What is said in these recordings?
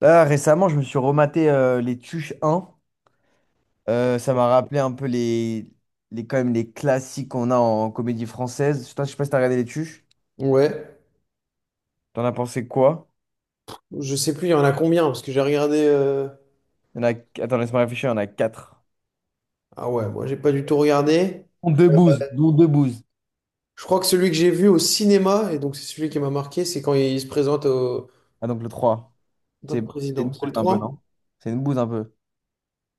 Là, récemment, je me suis rematé les Tuches un. Ça m'a rappelé un peu quand même, les classiques qu'on a en comédie française. Putain, je sais pas si t'as regardé les Tuches. Ouais, T'en as pensé quoi? je sais plus, il y en a combien, parce que j'ai regardé. Il y en a... Attends, laisse-moi réfléchir, il y en a 4. Ah ouais, moi j'ai pas du tout regardé. Dont deux bouses, dont deux bouses. Je crois que celui que j'ai vu au cinéma, et donc c'est celui qui m'a marqué, c'est quand il se présente, au... Ah, donc le 3. en tant C'est que c'est président. une C'est bouse le un peu, trois. non? C'est une bouse un peu.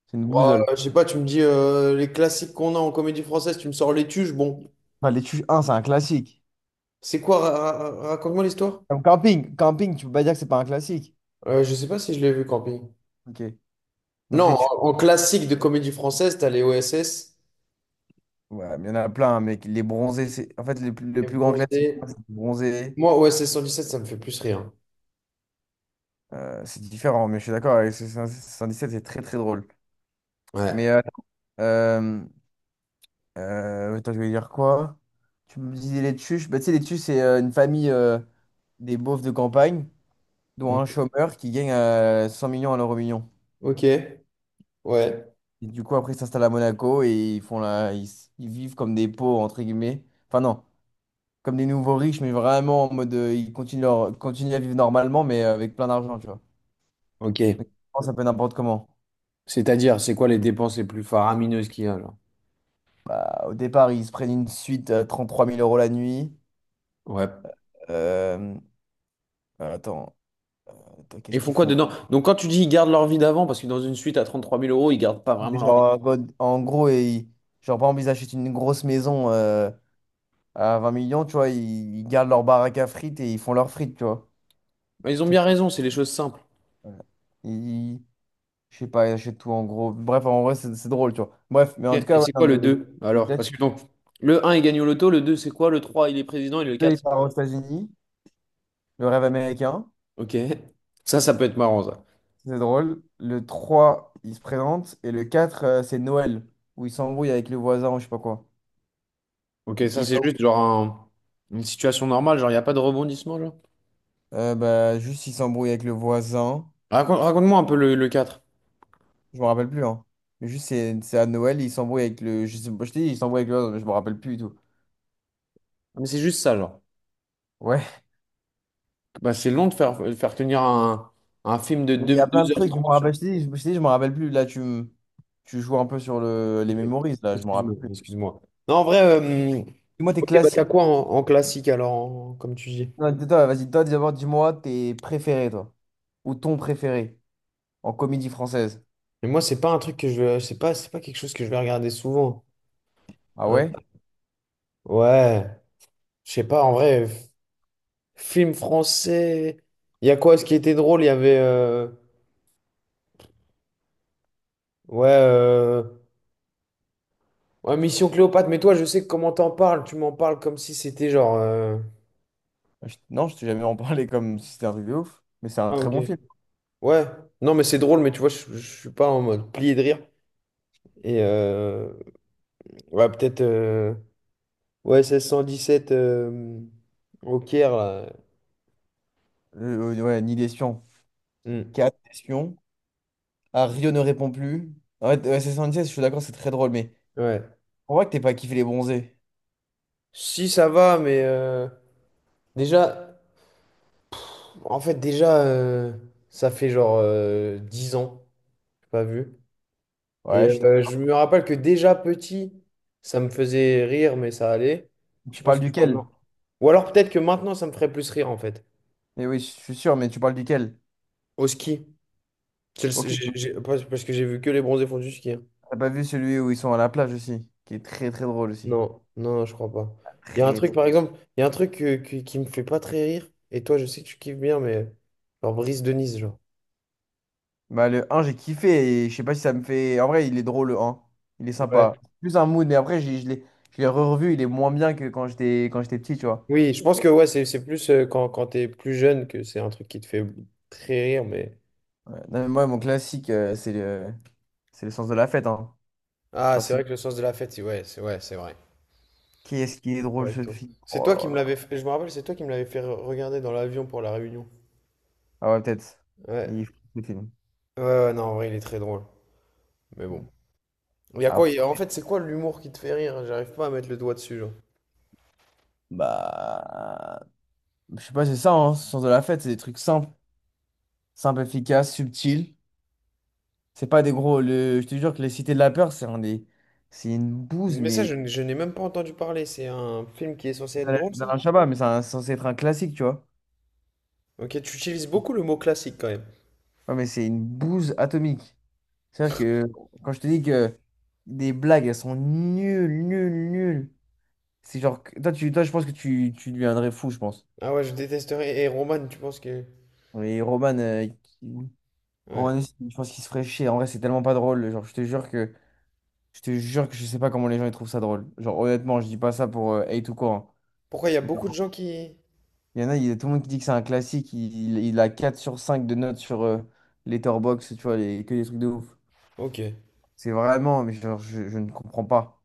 C'est une Ouais, bousole. je sais pas, tu me dis les classiques qu'on a en comédie française, tu me sors Les Tuches, bon. Enfin, les Tuches un c'est un classique. C'est quoi, raconte-moi l'histoire? Comme camping. Camping, tu peux pas dire que c'est pas un classique. Je sais pas si je l'ai vu, Camping. Ok. Donc les Non, Tuches. En classique de comédie française, t'as les OSS Ouais, mais il y en a plein, hein, mec. Les bronzés, c'est. En fait, le plus, le et plus grand classique, pour moi, Bronzé. c'est les bronzés. Moi, OSS 117, ça me fait plus rire. C'est différent, mais je suis d'accord avec 77, c'est très très drôle. Mais Ouais. Euh, attends, je vais dire quoi? Tu me disais les Tuches. Bah, tu sais, les Tuches, c'est une famille des beaufs de campagne, dont un chômeur qui gagne 100 millions à l'euro million. Ok, ouais. Et du coup, après, ils s'installent à Monaco et ils font la... ils vivent comme des pauvres, entre guillemets. Enfin, non, comme des nouveaux riches, mais vraiment en mode ils continuent, leur... continuent à vivre normalement, mais avec plein d'argent, tu vois. Ok. Donc, ils pensent un peu n'importe comment. C'est-à-dire, c'est quoi les dépenses les plus faramineuses qu'il y a, genre? Bah, au départ, ils se prennent une suite à 33 000 euros la nuit. Ouais. Euh, Attends, attends, Ils qu'est-ce font qu'ils quoi font? dedans? Donc quand tu dis ils gardent leur vie d'avant, parce que dans une suite à 33 000 euros, ils gardent pas vraiment leur vie d'avant. Genre, en gros, genre, par exemple, ils achètent une grosse maison à 20 millions, tu vois, ils gardent leur baraque à frites et ils font leurs frites, tu vois. Mais ils ont Truc- bien raison, c'est les choses simples. ouais. Ils- je sais pas, ils achètent tout en gros. Bref, en vrai, c'est drôle, tu vois. Bref, mais en Ok, tout et cas, ouais, c'est quoi le non, mais... 2 alors, parce Peut-être que donc, le un il gagne au loto, le 2 c'est quoi? Le 3 il est président, et qu'il le peut, 4 il c'est part quoi? aux États-Unis, le rêve américain. Ok. Ça peut être marrant, ça. C'est drôle. Le 3 il se présente. Et le 4 c'est Noël, où il s'embrouille avec le voisin, ou je sais pas quoi. Ok, Qui ça, est c'est pas juste ouf. genre une situation normale, genre, il n'y a pas de rebondissement, genre. Bah, juste, il s'embrouille avec le voisin. Raconte-moi un peu le quatre. Je me rappelle plus, hein. Mais juste, c'est à Noël, il s'embrouille avec le. Je sais pas, je t'ai dit, il s'embrouille avec le voisin, mais je me rappelle plus du tout. Ah, mais c'est juste ça, genre. Ouais. Bah, c'est long de faire tenir un film de Il y deux a plein de heures trucs, je me trente. rappelle, je t'ai dit, je t'ai dit, je me rappelle plus. Là, tu joues un peu sur le... les Ok. memories, là, je me rappelle Excuse-moi, plus. excuse-moi. Non, en vrai, Dis-moi tes ok, bah t'as classiques. quoi en classique alors, comme tu dis? Non, toi, vas-y, toi, d'abord, dis-moi tes préférés, toi. Ou ton préféré en comédie française. Mais moi, c'est pas un truc que c'est pas quelque chose que je vais regarder souvent. Ah Euh, ouais? ouais, je sais pas. En vrai, film français. Il y a quoi, ce qui était drôle? Il y avait, ouais, ouais, Mission Cléopâtre. Mais toi, je sais comment t'en parles. Tu m'en parles comme si c'était genre, Non, je t'ai jamais en parlé comme si c'était un truc de ouf, mais c'est un Ah, très ok. bon film. Ouais. Non, mais c'est drôle. Mais tu vois, je suis pas en mode plié de rire. Et ouais, peut-être. Ouais, 1617 au Caire, là. Ouais, Nid d'espion. Hmm. 4 espions. Ah, Rio ne répond plus. En fait, SS76, je suis d'accord, c'est très drôle, mais Ouais. on voit que t'es pas kiffé les bronzés. Si, ça va, mais déjà, en fait, déjà, ça fait genre 10 ans, j'ai pas vu. Et Ouais, je suis d'accord. je me rappelle que déjà petit, ça me faisait rire, mais ça allait. Je Tu pense parles que duquel? maintenant. Ou alors peut-être que maintenant, ça me ferait plus rire, en fait. Eh oui, je suis sûr, mais tu parles duquel? Au ski. C'est le- Ok, j'ai- Parce parce que j'ai vu que les bronzés font du ski, hein. t'as pas vu celui où ils sont à la plage aussi, qui est très très drôle aussi. Non, non, je crois pas. Il y a un Très, truc, très- par exemple, il y a un truc qui me fait pas très rire. Et toi, je sais que tu kiffes bien, mais genre Brice de Nice, genre. Bah, le un, j'ai kiffé et je sais pas si ça me fait. En vrai, il est drôle le un. Il est Ouais. sympa. Plus un mood, mais après, je l'ai revu, il est moins bien que quand j'étais petit, tu vois. Oui, je pense que ouais, c'est plus quand t'es plus jeune que c'est un truc qui te fait très rire, mais. Ouais. Non, mais moi, mon classique, c'est le sens de la fête. Hein. Ah, Enfin, c'est vrai c'est... que le sens de la fête, ouais, c'est vrai. Qui est-ce qui est D'accord drôle avec ce toi. film? C'est Oh toi là qui me là. l'avais fait, je me rappelle, c'est toi qui me l'avais fait regarder dans l'avion pour la réunion. Ah ouais, peut-être. Ouais. Il est fou, ce film. Ouais, ouais, non, en vrai, il est très drôle. Mais bon. Mm. Il y a quoi, Après, en fait, c'est quoi l'humour qui te fait rire? J'arrive pas à mettre le doigt dessus, genre. bah. Je sais pas, c'est ça, hein, le sens de la fête. C'est des trucs simples, simples, efficaces, subtils. C'est pas des gros. Le... Je te jure que Les Cités de la Peur, c'est un des... c'est une bouse, Mais ça, mais. Je n'ai même pas entendu parler. C'est un film qui est censé être drôle, ça? Dans Chabat, mais c'est censé être un classique, tu vois. Ok, tu utilises beaucoup le mot classique quand même. Ouais, mais c'est une bouse atomique. C'est-à-dire que quand je te dis que des blagues, elles sont nulles, nulles, nulles. C'est genre, toi, tu, toi, je pense que tu deviendrais fou, je pense. Ah ouais, je détesterais. Et Roman, tu penses que... Et Roman, qui- Ouais. Roman aussi, je pense qu'il se ferait chier. En vrai, c'est tellement pas drôle. Genre, je te jure que je sais pas comment les gens ils trouvent ça drôle. Genre, honnêtement, je dis pas ça pour hate ou quoi. Hein. Pourquoi il y a Mais beaucoup de genre, gens qui... il y a tout le monde qui dit que c'est un classique. Il a 4 sur 5 de notes sur Letterboxd, tu vois, que des trucs de ouf. Ok. Ouais, C'est vraiment, mais genre, je ne comprends pas.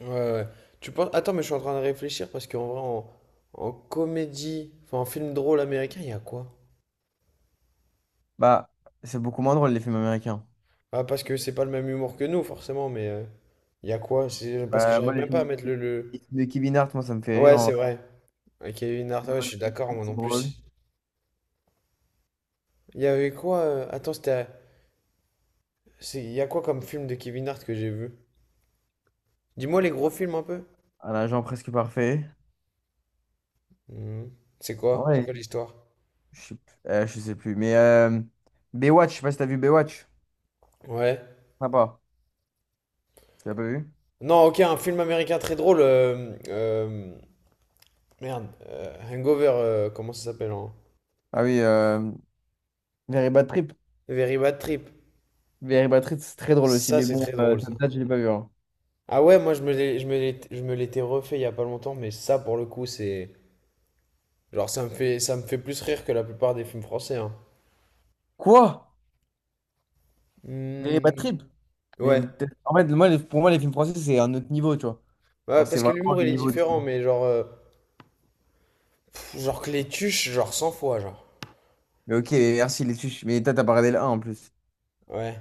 ouais, ouais. Tu penses... Attends, mais je suis en train de réfléchir parce qu'en vrai, en comédie, enfin en film drôle américain, il y a quoi? Bah, c'est beaucoup moins drôle, les films américains. Ah, parce que c'est pas le même humour que nous, forcément, mais... Il y a quoi? C'est parce que Bah, moi, j'arrive les même pas films à de, mettre. les films de Kevin Hart, moi, ça me fait rire. Ouais, En c'est vrai. vrai. Ok, ouais, je suis d'accord, moi C'est non drôle. plus. Il y avait quoi? Attends, c'était... Il y a quoi comme film de Kevin Hart que j'ai vu? Dis-moi les gros films un peu. Un agent presque parfait. Hmm. C'est quoi? C'est Ouais. quoi l'histoire? Je sais plus. Mais Baywatch, je sais pas si t'as vu Baywatch. Ouais. Sympa. Tu l'as pas vu? Non, ok, un film américain très drôle. Merde. Hangover, comment ça s'appelle en... Ah oui, Very Bad Trip. Very Bad Trip. Very Bad Trip, c'est très drôle aussi. Ça, Mais c'est bon, très drôle, ça ça. date, je l'ai pas vu. Hein. Ah ouais, moi, je me l'étais refait il y a pas longtemps, mais ça, pour le coup, c'est... Genre, ça me fait plus rire que la plupart des films français, hein. Quoi? Very Bad Hmm. Trip? Mais Ouais. En fait, moi, pour moi, les films français, c'est un autre niveau, tu vois. Genre, Ouais, c'est parce que vraiment l'humour, le il est niveau différent, dessus. mais genre... pff, genre que les tuches, genre 100 fois, genre. Mais ok, merci les tuches. Mais toi, t'as pas regardé le 1 en plus. Ouais.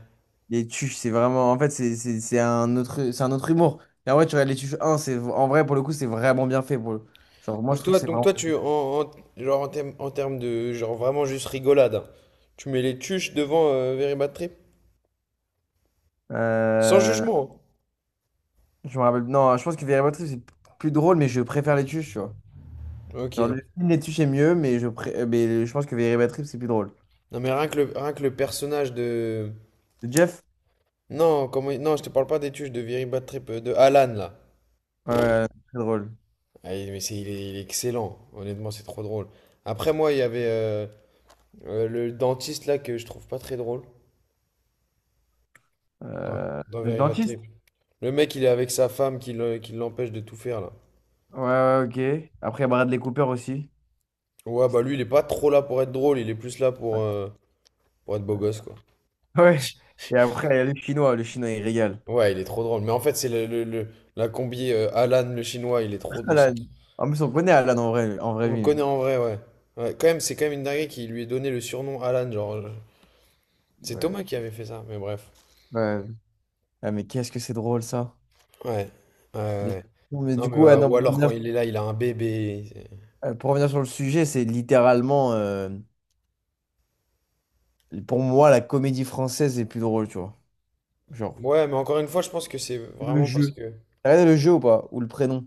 Les tuches, c'est vraiment. En fait, c'est un autre humour. Et en vrai, tu regardes les tuches un c'est, en vrai, pour le coup, c'est vraiment bien fait. Pour le... Genre, moi, je trouve que c'est Donc vraiment. toi tu genre en termes de genre vraiment juste rigolade, hein, tu mets les tuches devant Very Bad Trip? Sans Euh, jugement. Je me rappelle. Non, je pense que Véritable Trip, c'est plus drôle, mais je préfère les tuches, tu vois. Hein. Genre, Ok. le film Les tuches est mieux, mais mais je pense que Véritable Trip, c'est plus drôle. Non mais rien que le personnage de Le Jeff? Non, je te parle pas des tuches de Very Bad Trip, de Alan là. Ouais, ouais, très drôle. Ah, mais il est excellent. Honnêtement c'est trop drôle. Après moi il y avait le dentiste là que je trouve pas très drôle dans, dans Le Very Bad dentiste? Trip. Le mec il est avec sa femme qui l'empêche de tout faire là. Ouais, ouais, ok. Après, il y a Bradley Cooper aussi. Ouais bah lui il est pas trop là pour être drôle, il est plus là pour être beau gosse, quoi. Ouais. Et après, il y a le chinois. Le chinois, il régale. Ouais, il est trop drôle. Mais en fait, c'est la combi Alan, le chinois, il est trop. Alan. En plus, on connaît Alan en vrai On le vie. connaît en vrai, ouais. Ouais, quand même, c'est quand même une dinguerie qui lui ait donné le surnom Alan. Genre, c'est Ouais. Thomas qui avait fait ça, mais bref. Ouais. Ah, mais qu'est-ce que c'est drôle ça. Ouais. Ouais, Mais, ouais. non, mais Non, du coup, mais ouais, ouais, non, ou pour alors quand revenir, il est là, il a un bébé. Euh, pour revenir sur le sujet, c'est littéralement, pour moi, la comédie française est plus drôle, tu vois. Genre, Ouais, mais encore une fois, je pense que c'est le vraiment parce jeu. que T'as regardé le jeu ou pas? Ou le prénom?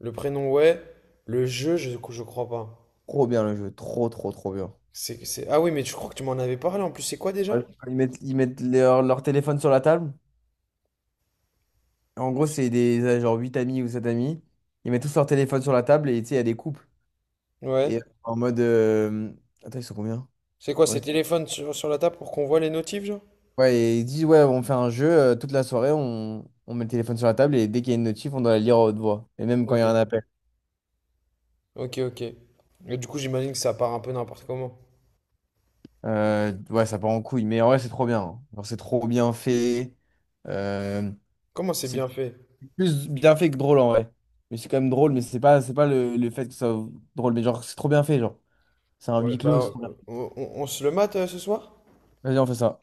le prénom, ouais. Le jeu, je crois pas. Trop bien le jeu, trop, trop, trop bien. Ah oui, mais tu crois que tu m'en avais parlé en plus, c'est quoi déjà? Ouais. Ils mettent leur téléphone sur la table. En gros, c'est des genre 8 amis ou 7 amis. Ils mettent tous leur téléphone sur la table et tu sais, il y a des couples. Ouais. Et en mode. Attends, ils sont combien? C'est quoi, ces Ouais. téléphones sur la table pour qu'on voit les notifs, genre? Ouais, et il dit, ouais, on fait un jeu, toute la soirée, on met le téléphone sur la table et dès qu'il y a une notif, on doit la lire à haute voix. Et même quand il y Ok. a un appel. Ok, ok. Et du coup, j'imagine que ça part un peu n'importe comment. Ouais, ça part en couille. Mais en vrai, c'est trop bien. Hein. Genre, c'est trop bien fait. Euh, Comment c'est c'est bien fait? plus bien fait que drôle en vrai. Mais c'est quand même drôle, mais c'est pas le fait que ça soit drôle. Mais genre, c'est trop bien fait, genre. C'est un Ouais, huis clos. C'est bah, trop bien. On se le mate ce soir? Vas-y, on fait ça.